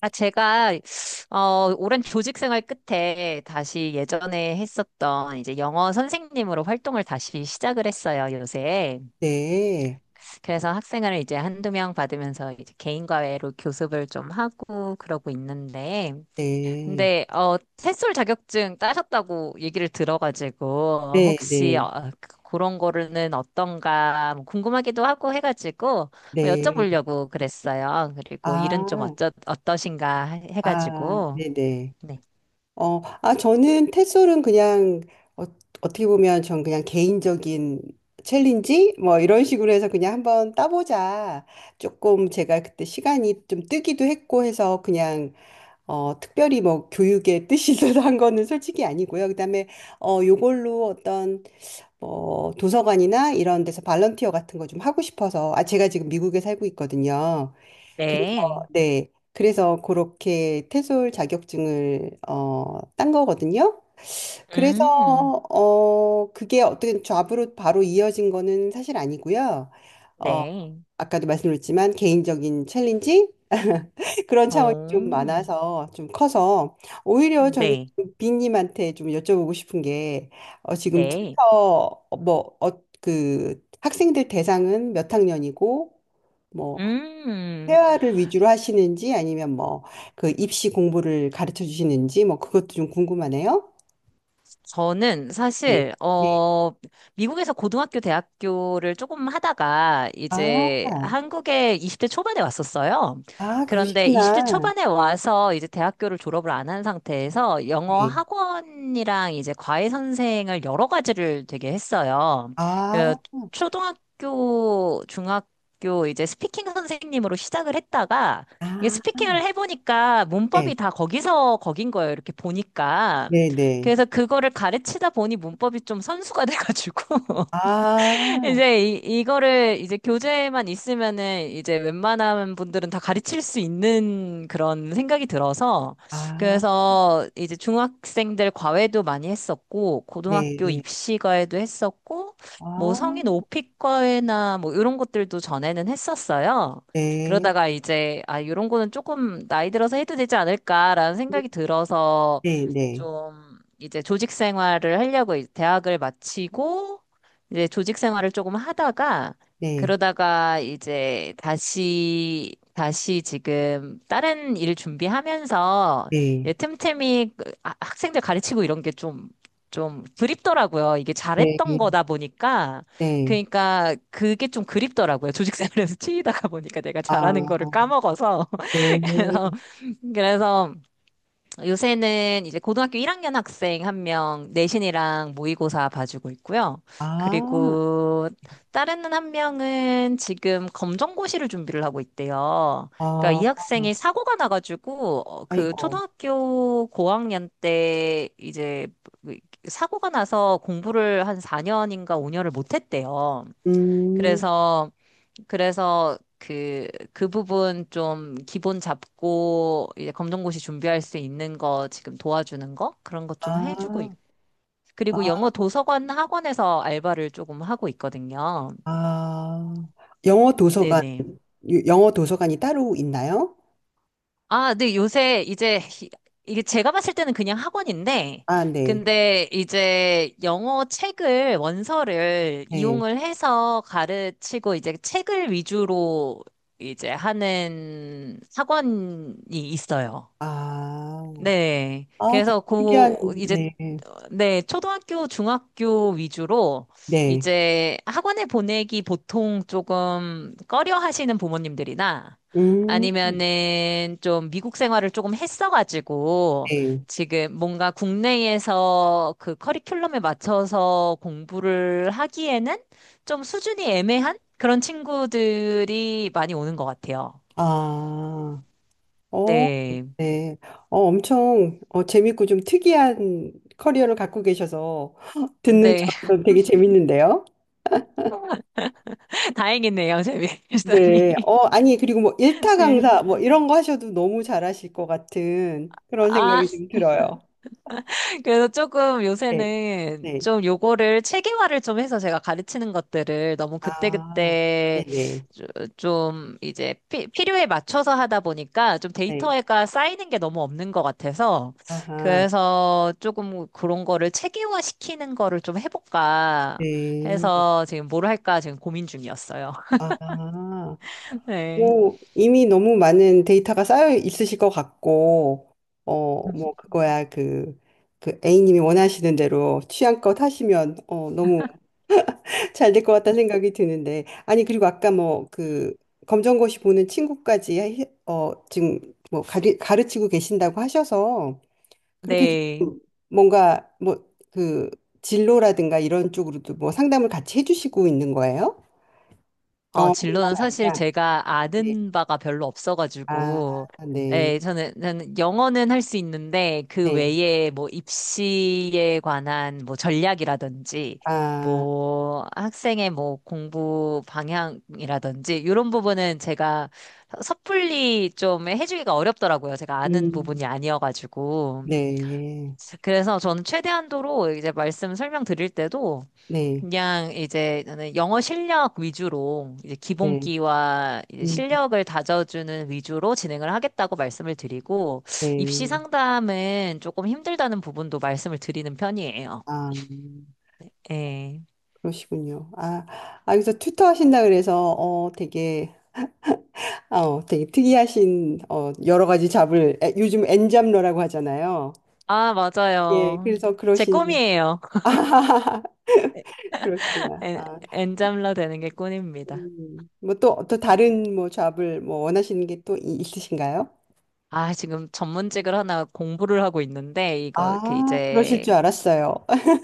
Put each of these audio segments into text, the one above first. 제가, 오랜 교직 생활 끝에 다시 예전에 했었던 이제 영어 선생님으로 활동을 다시 시작을 했어요, 요새. 네, 그래서 학생을 이제 한두 명 받으면서 이제 개인과외로 교습을 좀 하고 그러고 있는데. 네, 근데, 햇솔 자격증 따셨다고 얘기를 들어가지고, 네, 혹시, 네, 그런 거는 어떤가 뭐 궁금하기도 하고 해가지고, 네. 여쭤보려고 그랬어요. 그리고 일은 좀 아, 어떠신가 아, 해가지고. 네네. 네. 저는 테솔은 그냥 어, 어떻게 보면 전 그냥 개인적인 챌린지 뭐 이런 식으로 해서 그냥 한번 따보자. 조금 제가 그때 시간이 좀 뜨기도 했고 해서 그냥 특별히 뭐 교육의 뜻이 있어서 한 거는 솔직히 아니고요. 그다음에 요걸로 어떤 뭐 도서관이나 이런 데서 발런티어 같은 거 좀 하고 싶어서 아, 제가 지금 미국에 살고 있거든요. 그래서 네. 네. 그래서 그렇게 테솔 자격증을 딴 거거든요. 그래서 음, 그게 어떻게 잡으로 바로 이어진 거는 사실 아니고요. 어 네. 아까도 말씀드렸지만 개인적인 챌린지 그런 차원이 좀 오, 많아서 좀 커서 오히려 저는 네. 좀 빈님한테 좀 여쭤보고 싶은 게 지금 네. 튜터 뭐그 학생들 대상은 몇 학년이고 뭐 음. 회화를 위주로 하시는지 아니면 뭐 그 입시 공부를 가르쳐 주시는지 뭐 그것도 좀 궁금하네요. 저는 네. 사실 네. 미국에서 고등학교 대학교를 조금 하다가 아, 이제 한국에 20대 초반에 왔었어요. 아 그런데 20대 그러시구나. 초반에 와서 이제 대학교를 졸업을 안 한 상태에서 영어 네. 학원이랑 이제 과외 선생을 여러 가지를 되게 했어요. 어, 아, 초등학교, 중학교 이제 스피킹 선생님으로 시작을 했다가 이게 아, 스피킹을 해보니까 네, 문법이 다 거기서 거긴 거예요. 이렇게 보니까. 네, 네. 그래서 그거를 가르치다 보니 문법이 좀 선수가 돼가지고. 아, 이제 이거를 이제 교재에만 있으면은 이제 웬만한 분들은 다 가르칠 수 있는 그런 생각이 들어서 아, 그래서 이제 중학생들 과외도 많이 했었고 네, 고등학교 네. 입시 과외도 했었고 뭐 아. 성인 오픽 과외나 뭐 이런 것들도 전에는 했었어요. 네, 그러다가 이제 이런 거는 조금 나이 들어서 해도 되지 않을까라는 생각이 들어서 네, 네, 좀 이제 조직 생활을 하려고 대학을 마치고 이제 조직 생활을 조금 하다가 네, 그러다가 이제 다시 지금 다른 일 준비하면서 네, 이제 틈틈이 그 학생들 가르치고 이런 게 좀 그립더라고요. 이게 네, 잘했던 거다 보니까 네. 그러니까 그게 좀 그립더라고요. 조직 생활에서 치이다가 보니까 내가 잘하는 아, 거를 까먹어서 네. 그래서 그래서 요새는 이제 고등학교 1학년 학생 한 명 내신이랑 모의고사 봐주고 있고요. 아, 그리고 다른 한 명은 지금 검정고시를 준비를 하고 있대요. 그러니까 아, 이 학생이 사고가 나가지고 그 아이고. 초등학교 고학년 때 이제 그 사고가 나서 공부를 한 4년인가 5년을 못 했대요. 음, 그래서 그래서 그, 그 부분 좀 기본 잡고 이제 검정고시 준비할 수 있는 거 지금 도와주는 거? 그런 거 좀 해주고 아, 있고. 아, 그리고 영어 도서관 학원에서 알바를 조금 하고 있거든요. 아. 영어 도서관, 네네. 영어 도서관이 따로 있나요? 아, 네, 요새 이제 이게 제가 봤을 때는 그냥 학원인데, 아, 네, 근데 이제 영어 책을, 원서를 네. 이용을 해서 가르치고 이제 책을 위주로 이제 하는 학원이 있어요. 아, 네. 아, 되게 그래서 특이한, 고 이제 네, 네, 초등학교, 중학교 위주로 네. 이제 학원에 보내기 보통 조금 꺼려 하시는 부모님들이나 음, 아니면은 좀 미국 생활을 조금 했어가지고 네. 지금 뭔가 국내에서 그 커리큘럼에 맞춰서 공부를 하기에는 좀 수준이 애매한 그런 친구들이 많이 오는 것 같아요. 아, 어. 네. 네. 엄청 재밌고 좀 특이한 커리어를 갖고 계셔서 듣는 네. 저도 되게 재밌는데요. 다행이네요, 네. 재미있으니. 아니, 그리고 뭐 일타 네. 강사 뭐 이런 거 하셔도 너무 잘하실 것 같은 그런 아, 생각이 좀 들어요. 그래서 조금 네. 요새는 네. 좀 요거를 체계화를 좀 해서 제가 가르치는 것들을 너무 아, 그때그때 네네. 조- 좀 이제 필요에 맞춰서 하다 보니까 좀 네. 데이터가 쌓이는 게 너무 없는 것 같아서 아하. 그래서 조금 그런 거를 체계화 시키는 거를 좀 해볼까 네. 해서 지금 뭘 할까 지금 고민 중이었어요. 아. 네. 뭐 이미 너무 많은 데이터가 쌓여 있으실 것 같고, 뭐 그거야 그 A님이 원하시는 대로 취향껏 하시면 너무 잘 될 것 같다는 생각이 드는데, 아니 그리고 아까 뭐 그 검정고시 보는 친구까지 지금 뭐 가르치고 계신다고 하셔서 그렇게 네. 좀 뭔가 뭐 그 진로라든가 이런 쪽으로도 뭐 상담을 같이 해주시고 있는 거예요? 영어뿐만 진로는 사실 아니라, 제가 네, 아는 바가 별로 아, 없어가지고, 네, 예, 저는 영어는 할 수 있는데, 그 네. 외에 뭐 입시에 관한 뭐 전략이라든지, 아, 뭐 학생의 뭐 공부 방향이라든지, 이런 부분은 제가 섣불리 좀 해주기가 어렵더라고요. 제가 아는 음, 부분이 아니어가지고. 네, 그래서 저는 최대한도로 이제 말씀 설명드릴 때도, 네, 그냥 이제 저는 영어 실력 위주로 이제 네, 기본기와 이제 음, 실력을 다져주는 위주로 진행을 하겠다고 말씀을 드리고 입시 네. 상담은 조금 힘들다는 부분도 말씀을 드리는 편이에요. 아, 예. 그러시군요. 아, 아, 여기서 튜터 하신다 그래서, 되게, 아, 되게 특이하신, 여러 가지 잡을, 에, 요즘 엔잡러라고 하잖아요. 아, 예, 맞아요. 그래서 제 그러신, 꿈이에요. 아, 그러시구나. 엔, 아, 엔잠러 되는 게 꿈입니다. 뭐 또 다른 뭐 잡을 뭐 원하시는 게 또 있으신가요? 아, 지금 전문직을 하나 공부를 하고 있는데 이거 이렇게 아, 그러실 줄 이제 알았어요.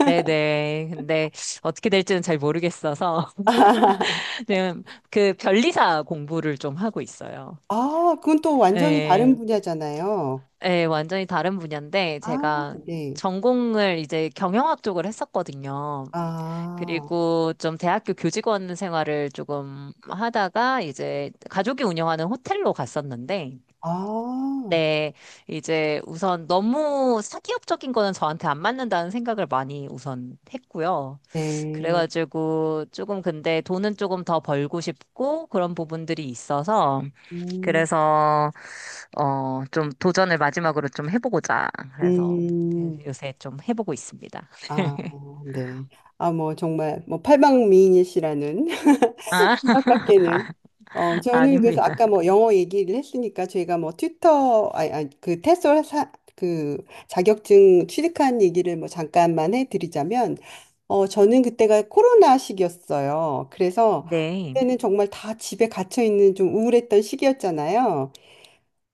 네네. 근데 어떻게 될지는 잘 모르겠어서 지금 그 변리사 공부를 좀 하고 있어요. 아, 그건 또 완전히 다른 예, 네. 분야잖아요. 예, 완전히 다른 분야인데 아, 제가 네. 전공을 이제 경영학 쪽을 했었거든요. 아, 그리고 좀 대학교 교직원 생활을 조금 하다가 이제 가족이 운영하는 호텔로 갔었는데, 아, 네, 이제 우선 너무 사기업적인 거는 저한테 안 맞는다는 생각을 많이 우선 했고요. 네. 그래가지고 조금 근데 돈은 조금 더 벌고 싶고 그런 부분들이 있어서 음, 그래서 좀 도전을 마지막으로 좀 해보고자. 그래서 음, 요새 좀 해보고 있습니다. 아, 네. 아, 뭐, 정말, 뭐, 팔방미인이시라는. 아, 생각밖에는. 저는 그래서 아까 아닙니다. 뭐 영어 얘기를 했으니까 저희가 뭐 튜터, 아니, 아니, 그 테솔 그 자격증 취득한 얘기를 뭐 잠깐만 해드리자면, 저는 그때가 코로나 시기였어요. 그래서 네. 그때는 정말 다 집에 갇혀 있는 좀 우울했던 시기였잖아요.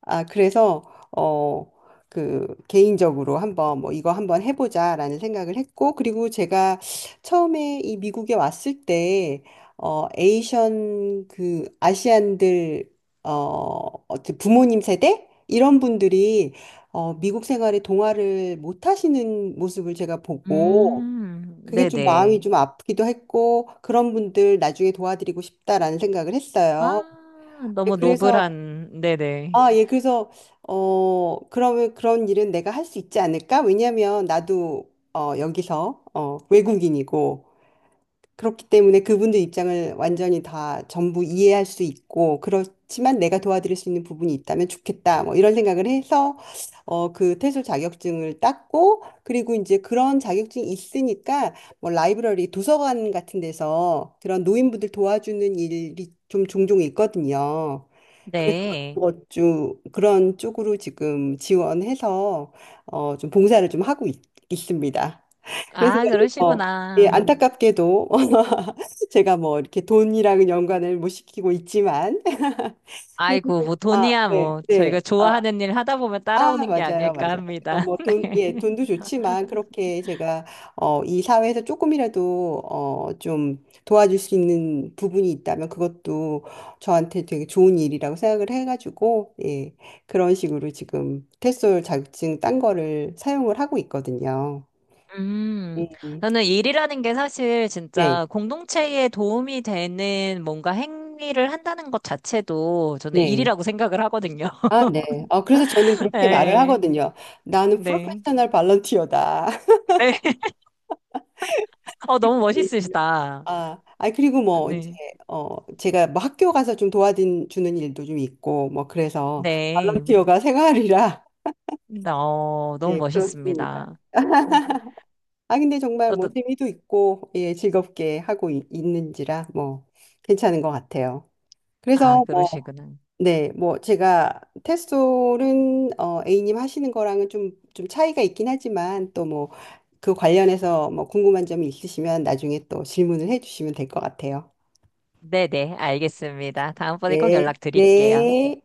아, 그래서 어, 그 개인적으로 한번 뭐 이거 한번 해보자라는 생각을 했고 그리고 제가 처음에 이 미국에 왔을 때 어, 에이션 그 아시안들 부모님 세대 이런 분들이 미국 생활에 동화를 못 하시는 모습을 제가 보고 그게 좀 마음이 네네. 좀 아프기도 했고 그런 분들 나중에 도와드리고 싶다라는 생각을 했어요. 아, 네, 너무 그래서 노블한, 네네. 아, 예, 그래서, 그러면 그런 일은 내가 할 수 있지 않을까? 왜냐면 나도, 여기서, 외국인이고, 그렇기 때문에 그분들 입장을 완전히 다 전부 이해할 수 있고, 그렇지만 내가 도와드릴 수 있는 부분이 있다면 좋겠다. 뭐 이런 생각을 해서, 그 퇴솔 자격증을 땄고, 그리고 이제 그런 자격증이 있으니까, 뭐 라이브러리, 도서관 같은 데서 그런 노인분들 도와주는 일이 좀 종종 있거든요. 그래서 네. 그것 좀 그런 쪽으로 지금 지원해서 좀 봉사를 좀 하고 있, 습니다 그래서 아, 저는, 예, 그러시구나. 안타깝게도 제가 뭐 이렇게 돈이랑 연관을 못 시키고 있지만 그래도 아이고, 뭐 아, 돈이야, 네, 뭐. 네. 저희가 아, 좋아하는 일 하다 보면 아, 따라오는 게 맞아요, 아닐까 맞아요. 합니다. 뭐 돈, 네. 예, 돈도 좋지만 그렇게 제가 이 사회에서 조금이라도 좀 도와줄 수 있는 부분이 있다면 그것도 저한테 되게 좋은 일이라고 생각을 해가지고 예, 그런 식으로 지금 테솔 자격증 딴 거를 사용을 하고 있거든요. 음, 음, 나는 일이라는 게 사실 네, 진짜 공동체에 도움이 되는 뭔가 행위를 한다는 것 자체도 저는 네. 일이라고 생각을 하거든요. 아, 네. 그래서 저는 그렇게 말을 네. 하거든요. 나는 네. 프로페셔널 발런티어다. 네. 너무 예. 멋있으시다. 아, 아 그리고 뭐 이제 네. 제가 뭐 학교 가서 좀 도와주는 일도 좀 있고 뭐 그래서 네. 발런티어가 생활이라 네, 너무 예, 그렇습니다. 멋있습니다. 음, 아, 근데 정말 뭐 저도, 재미도 있고 예, 즐겁게 하고 있는지라 뭐 괜찮은 것 같아요. 아, 그래서 뭐 그러시구나. 네, 뭐 제가 테솔은 A님 하시는 거랑은 좀 차이가 있긴 하지만 또 뭐 그 관련해서 뭐 궁금한 점이 있으시면 나중에 또 질문을 해주시면 될 것 같아요. 네네. 알겠습니다. 다음번에 꼭 네, 연락드릴게요. 네.